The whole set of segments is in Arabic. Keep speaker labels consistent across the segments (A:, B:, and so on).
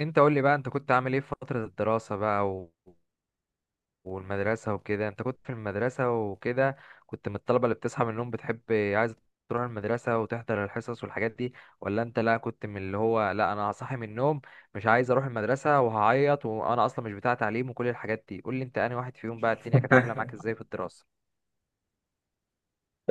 A: انت قول لي بقى انت كنت عامل ايه في فترة الدراسة بقى والمدرسة وكده، انت كنت في المدرسة وكده، كنت من الطلبة اللي بتصحى من النوم، بتحب عايز تروح المدرسة وتحضر الحصص والحاجات دي؟ ولا انت لا، كنت من اللي هو لا انا هصحي من النوم مش عايز اروح المدرسة وهعيط وانا اصلا مش بتاع تعليم وكل الحاجات دي؟ قول لي انت انهي واحد فيهم بقى، الدنيا كانت عاملة معاك ازاي في الدراسة؟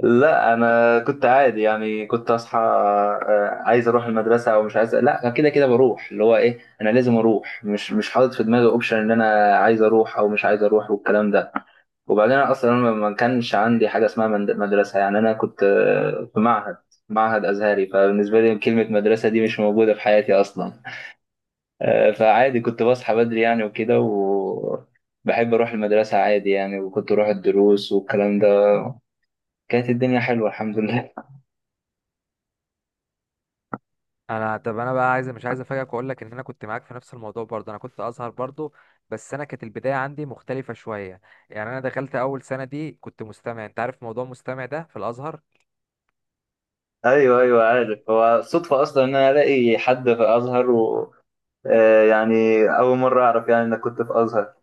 B: لا انا كنت عادي يعني كنت اصحى. عايز اروح المدرسه او مش عايز، لا أنا كده كده بروح، اللي هو ايه، انا لازم اروح. مش حاطط في دماغي اوبشن ان انا عايز اروح او مش عايز اروح والكلام ده. وبعدين أنا اصلا ما كانش عندي حاجه اسمها مدرسه، يعني انا كنت، في معهد ازهري، فبالنسبه لي كلمه مدرسه دي مش موجوده في حياتي اصلا. فعادي كنت بصحى بدري يعني وكده، و بحب اروح المدرسه عادي يعني، وكنت اروح الدروس والكلام ده. كانت الدنيا حلوه الحمد لله.
A: انا طب انا بقى عايز مش عايز افاجئك واقول لك ان انا كنت معاك في نفس الموضوع برضه، انا كنت ازهر برضه. بس انا كانت البدايه عندي مختلفه شويه. يعني، انا دخلت اول سنه دي كنت مستمع، انت عارف موضوع مستمع ده في الازهر.
B: ايوه ايوه عارف، هو صدفه اصلا ان انا الاقي حد في ازهر، و يعني اول مره اعرف يعني انك كنت في ازهر.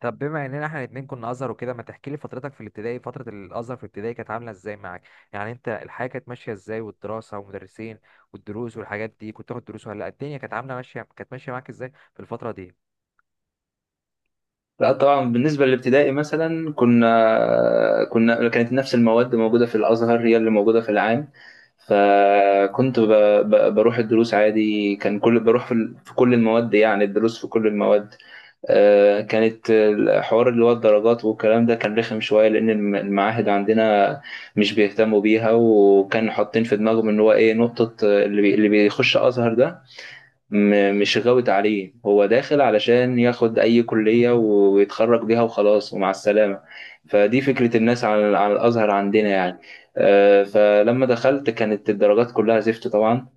A: طب بما اننا احنا الاتنين كنا ازهر وكده، ما تحكي لي فترتك في الابتدائي، فتره الازهر في الابتدائي كانت عامله ازاي معاك؟ يعني انت الحياه كانت ماشيه ازاي، والدراسه والمدرسين والدروس والحاجات دي، كنت تاخد دروس ولا لأ؟ الدنيا كانت عامله ماشيه، كانت ماشيه معاك ازاي في الفتره دي؟
B: لا طبعا بالنسبة للابتدائي مثلا كنا كانت نفس المواد موجودة في الأزهر هي اللي موجودة في العام. فكنت بروح الدروس عادي، كان كل بروح في كل المواد يعني، الدروس في كل المواد. كانت الحوار اللي هو الدرجات والكلام ده كان رخم شوية، لأن المعاهد عندنا مش بيهتموا بيها، وكانوا حاطين في دماغهم إن هو إيه، نقطة اللي بيخش أزهر ده مش غاوت عليه، هو داخل علشان ياخد أي كلية ويتخرج بيها وخلاص ومع السلامة، فدي فكرة الناس على على الأزهر عندنا يعني. فلما دخلت كانت الدرجات كلها زفت طبعا.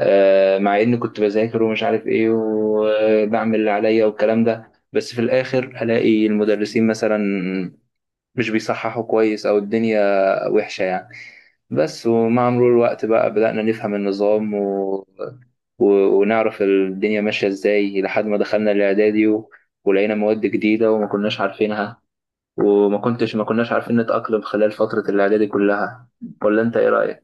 B: مع إني كنت بذاكر ومش عارف إيه وبعمل اللي عليا والكلام ده، بس في الآخر ألاقي المدرسين مثلا مش بيصححوا كويس، أو الدنيا وحشة يعني. بس ومع مرور الوقت بقى بدأنا نفهم النظام و... ونعرف الدنيا ماشية ازاي، لحد ما دخلنا الإعدادي و... ولقينا مواد جديدة وما كناش عارفينها، وما كنتش ما كناش عارفين نتأقلم خلال فترة الإعدادي كلها. ولا أنت إيه رأيك؟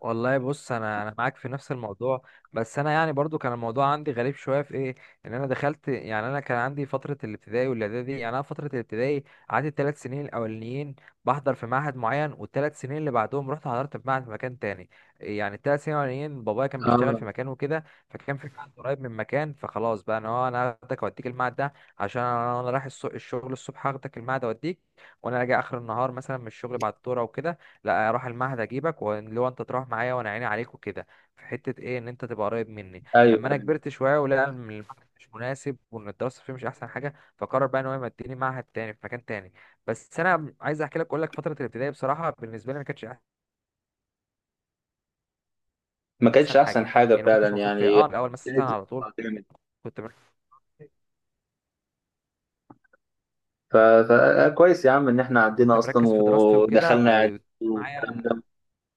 A: والله بص، انا معاك في نفس الموضوع. بس انا يعني برضو كان الموضوع عندي غريب شويه في ايه، ان انا دخلت. يعني انا كان عندي فتره الابتدائي والاعدادي، يعني انا فتره الابتدائي قعدت الثلاث سنين الاولانيين بحضر في معهد معين، والثلاث سنين اللي بعدهم رحت حضرت في معهد في مكان تاني. يعني الثلاث سنين الاولانيين بابايا كان بيشتغل في
B: اه.
A: مكان وكده، فكان في معهد قريب من مكان، فخلاص بقى انا هو انا هاخدك اوديك المعهد ده عشان انا رايح الشغل الصبح، هاخدك المعهد اوديك. وانا راجع اخر النهار مثلا من الشغل بعد الدوره وكده، لا اروح المعهد اجيبك، واللي هو انت تروح معايا وانا عيني عليك وكده، في حته ايه ان انت تبقى قريب مني.
B: ايوه
A: لما انا
B: أيوة.
A: كبرت شويه ولقى إن المعهد مش مناسب وان الدراسه فيه مش احسن حاجه، فقرر بقى ان هو يمديني معهد تاني في مكان تاني. بس انا عايز احكي لك، اقول لك فتره الابتدائي بصراحه بالنسبه لي ما كانتش
B: ما كانتش
A: احسن
B: أحسن
A: حاجه.
B: حاجة
A: يعني ما كنتش
B: فعلا
A: مبسوط فيها
B: يعني،
A: اه الاول مثلا
B: كانت
A: على طول،
B: رخمة جامد.
A: كنت مر-
B: فكويس يا عم إن إحنا
A: كنت
B: عدينا أصلا
A: مركز في دراستي وكده
B: ودخلنا إعدادي والكلام
A: ومعايا.
B: ده،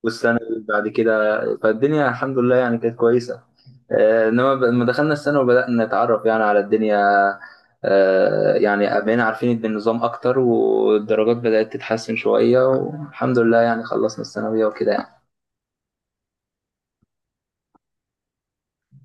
B: والسنة اللي بعد كده فالدنيا الحمد لله يعني كانت كويسة. انما لما دخلنا السنة وبدأنا نتعرف يعني على الدنيا، يعني بقينا عارفين النظام اكتر، والدرجات بدأت تتحسن شوية، والحمد لله يعني خلصنا الثانوية وكده يعني.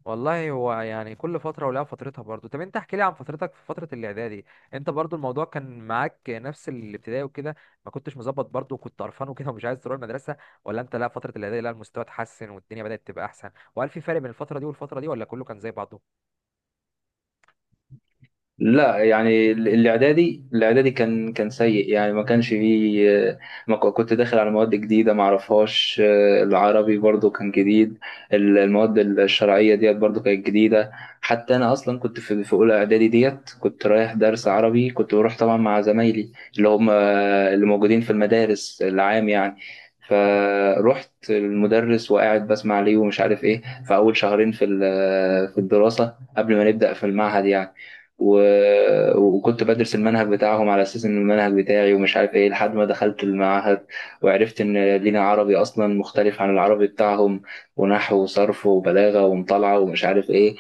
A: والله هو يعني كل فترة ولها فترتها برضو. طب انت احكي لي عن فترتك في فترة الاعدادي، انت برضو الموضوع كان معاك نفس الابتدائي وكده، ما كنتش مظبط برضو وكنت قرفان وكده ومش عايز تروح المدرسة، ولا انت لا فترة الاعدادي لا المستوى اتحسن والدنيا بدأت تبقى احسن؟ وهل في فرق بين الفترة دي والفترة دي، ولا كله كان زي بعضه؟
B: لا يعني الاعدادي كان سيء يعني، ما كانش فيه، ما ك- كنت داخل على مواد جديدة ما اعرفهاش. العربي برضو كان جديد، المواد الشرعية ديت برضو كانت جديدة. حتى انا اصلا كنت في اولى اعدادي ديت كنت رايح درس عربي، كنت بروح طبعا مع زمايلي اللي هم اللي موجودين في المدارس العام يعني، فروحت المدرس وقاعد بسمع ليه ومش عارف ايه، في اول شهرين في الدراسه قبل ما نبدا في المعهد يعني، وكنت بدرس المنهج بتاعهم على اساس ان المنهج بتاعي ومش عارف ايه، لحد ما دخلت المعهد وعرفت ان لينا عربي اصلا مختلف عن العربي بتاعهم، ونحو وصرف وبلاغه ومطالعه ومش عارف ايه.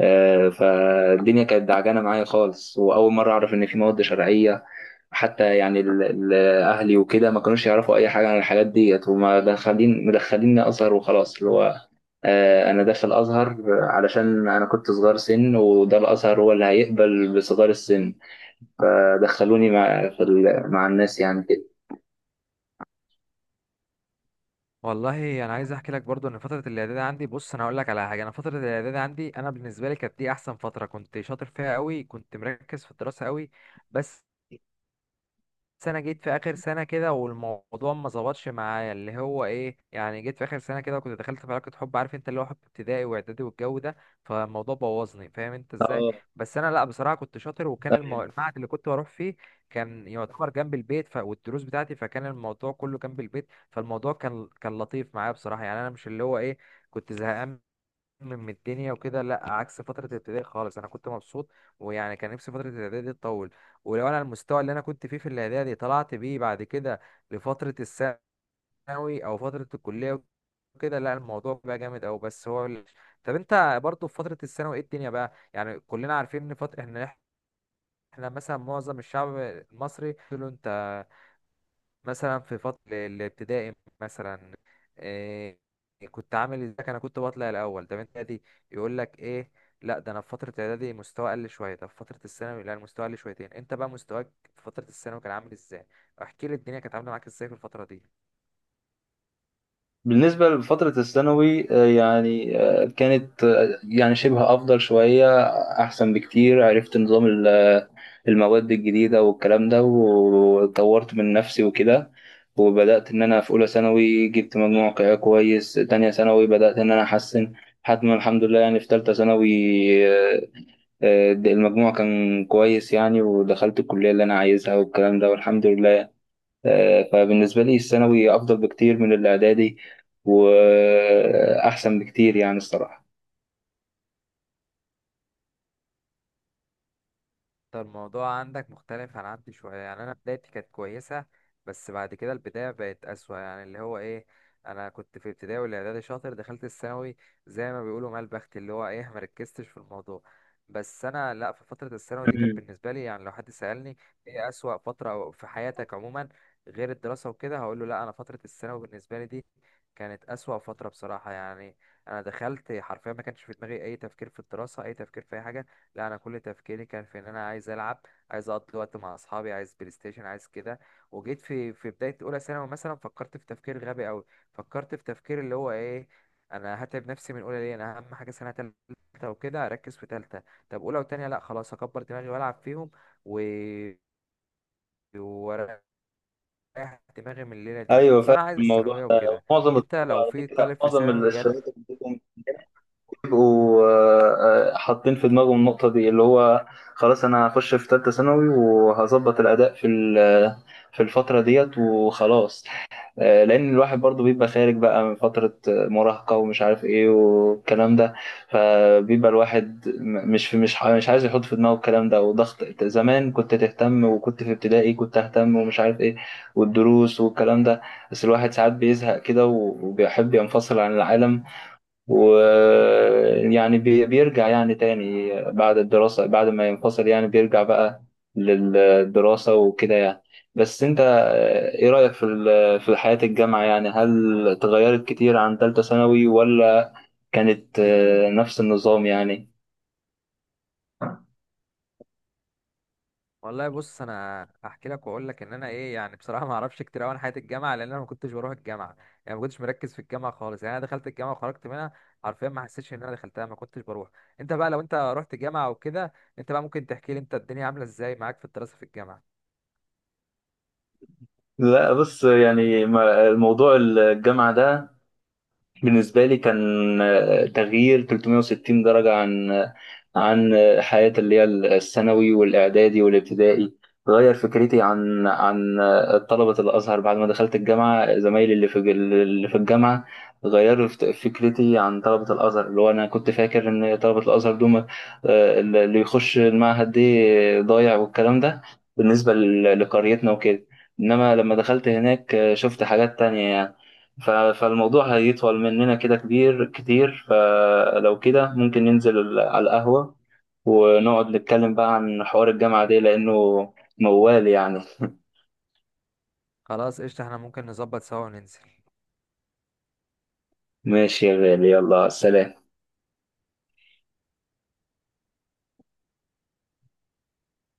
B: فالدنيا كانت دعجانه معايا خالص، واول مره اعرف ان في مواد شرعيه. حتى يعني ال- اهلي وكده ما كانوش يعرفوا اي حاجه عن الحاجات ديت، وما مدخليني ازهر وخلاص، اللي هو انا داخل ازهر علشان انا كنت صغير سن، وده الازهر هو اللي هيقبل بصغار السن، فدخلوني مع الناس يعني كده.
A: والله انا عايز احكي لك برضو ان فترة الاعدادي عندي، بص انا هقول لك على حاجة، انا فترة الاعدادي عندي انا بالنسبة لي كانت دي احسن فترة، كنت شاطر فيها قوي، كنت مركز في الدراسة قوي. بس سنة جيت في آخر سنة كده والموضوع ما ظبطش معايا، اللي هو إيه يعني، جيت في آخر سنة كده وكنت دخلت في علاقة حب، عارف أنت اللي هو حب ابتدائي وإعدادي والجو ده، فالموضوع بوظني، فاهم أنت إزاي. بس أنا لأ بصراحة كنت شاطر، وكان
B: اه.
A: المعهد اللي كنت بروح فيه كان يعتبر جنب البيت، والدروس بتاعتي فكان الموضوع كله جنب البيت، فالموضوع كان لطيف معايا بصراحة. يعني أنا مش اللي هو إيه، كنت زهقان من الدنيا وكده، لا عكس فترة الابتدائي خالص انا كنت مبسوط. ويعني كان نفسي فترة الإعدادي دي تطول، ولو انا المستوى اللي انا كنت فيه في الإعدادي طلعت بيه بعد كده لفترة الثانوي او فترة الكلية وكده، لا الموضوع بقى جامد أوي. بس هو طب انت برضو في فترة الثانوي ايه الدنيا بقى؟ يعني كلنا عارفين ان فترة احنا مثلا معظم الشعب المصري له، انت مثلا في فترة الابتدائي مثلا إيه كنت عامل ازيك، انا كنت بطلع الاول، طب انت دي يقول لك ايه لا ده انا في فترة اعدادي مستوى قل شوية، طب في فترة الثانوي لا المستوى قل شويتين. انت بقى مستواك في فترة الثانوي كان عامل ازاي؟ احكي لي الدنيا كانت عاملة معاك ازاي في الفترة دي؟
B: بالنسبة لفترة الثانوي، يعني كانت يعني شبه أفضل شوية، أحسن بكتير، عرفت نظام المواد الجديدة والكلام ده، وطورت من نفسي وكده، وبدأت إن أنا في أولى ثانوي جبت مجموع كويس، تانية ثانوي بدأت إن أنا أحسن، لحد ما الحمد لله يعني في تالتة ثانوي آه، المجموع كان كويس يعني، ودخلت الكلية اللي أنا عايزها والكلام ده والحمد لله. فبالنسبة لي الثانوي أفضل بكتير من الإعدادي، وأحسن بكتير يعني الصراحة.
A: طب الموضوع عندك مختلف عن عندي شوية. يعني أنا بدايتي كانت كويسة، بس بعد كده البداية بقت أسوأ. يعني اللي هو إيه، أنا كنت في ابتدائي والإعدادي شاطر، دخلت الثانوي زي ما بيقولوا مال بخت، اللي هو إيه مركزتش في الموضوع. بس أنا لأ، في فترة الثانوي دي كانت
B: مم.
A: بالنسبة لي، يعني لو حد سألني إيه أسوأ فترة في حياتك عموما غير الدراسة وكده، هقول له لأ أنا فترة الثانوي بالنسبة لي دي كانت أسوأ فترة بصراحة. يعني أنا دخلت حرفيا ما كانش في دماغي أي تفكير في الدراسة، أي تفكير في أي حاجة. لا انا كل تفكيري كان في ان انا عايز العب، عايز اقضي وقت مع اصحابي، عايز بلاي ستيشن، عايز كده. وجيت في في بدايه اولى ثانوي مثلا فكرت في تفكير غبي قوي، فكرت في تفكير اللي هو ايه انا هتعب نفسي من اولى ليه، انا اهم حاجه سنه تالته وكده اركز في تالته، طب اولى وتانيه لا خلاص اكبر دماغي والعب فيهم، و واريح دماغي من الليله دي،
B: أيوه
A: طب
B: فاهم
A: انا عايز
B: الموضوع
A: الثانويه
B: ده،
A: وكده.
B: معظم
A: انت
B: الطلبة
A: لو
B: على
A: في
B: فكرة،
A: طالب في
B: معظم
A: ثانوي جال.
B: الشباب عندهم بيبقوا حاطين في دماغهم النقطة دي، اللي هو خلاص أنا هخش في تالتة ثانوي وهظبط الأداء في الفترة ديت وخلاص. لان الواحد برضو بيبقى خارج بقى من فترة مراهقة ومش عارف ايه والكلام ده، فبيبقى الواحد مش في مش عايز يحط في دماغه الكلام ده، وضغط زمان كنت تهتم، وكنت في ابتدائي كنت اهتم ومش عارف ايه والدروس والكلام ده. بس الواحد ساعات بيزهق كده وبيحب ينفصل عن العالم، ويعني بيرجع يعني تاني بعد الدراسة، بعد ما ينفصل يعني بيرجع بقى للدراسة وكده يعني. بس انت ايه رأيك في حياة الجامعة يعني؟ هل اتغيرت كتير عن تالتة ثانوي ولا كانت نفس النظام يعني؟
A: والله بص انا هحكي لك واقول لك ان انا ايه، يعني بصراحه ما اعرفش كتير قوي عن حياه الجامعه، لان انا ما كنتش بروح الجامعه. يعني ما كنتش مركز في الجامعه خالص، يعني انا دخلت الجامعه وخرجت منها حرفيا، ما حسيتش ان انا دخلتها، ما كنتش بروح. انت بقى لو انت رحت جامعه وكده، انت بقى ممكن تحكي لي انت الدنيا عامله ازاي معاك في الدراسه في الجامعه؟
B: لا بص يعني، الموضوع الجامعة ده بالنسبة لي كان تغيير 360 درجة عن حياتي اللي هي الثانوي والإعدادي والابتدائي. غير فكرتي عن طلبة الأزهر، بعد ما دخلت الجامعة زمايلي اللي في الجامعة غيروا فكرتي عن طلبة الأزهر، اللي هو أنا كنت فاكر إن طلبة الأزهر دول اللي يخش المعهد دي ضايع والكلام ده، بالنسبة لقريتنا وكده، إنما لما دخلت هناك شفت حاجات تانية يعني. ف- فالموضوع هيطول مننا كده كبير كتير، فلو كده ممكن ننزل على القهوة، ونقعد نتكلم بقى عن حوار الجامعة دي لأنه موال يعني.
A: خلاص قشطه، احنا ممكن نظبط سوا وننزل.
B: ماشي يا غالي، يلا سلام.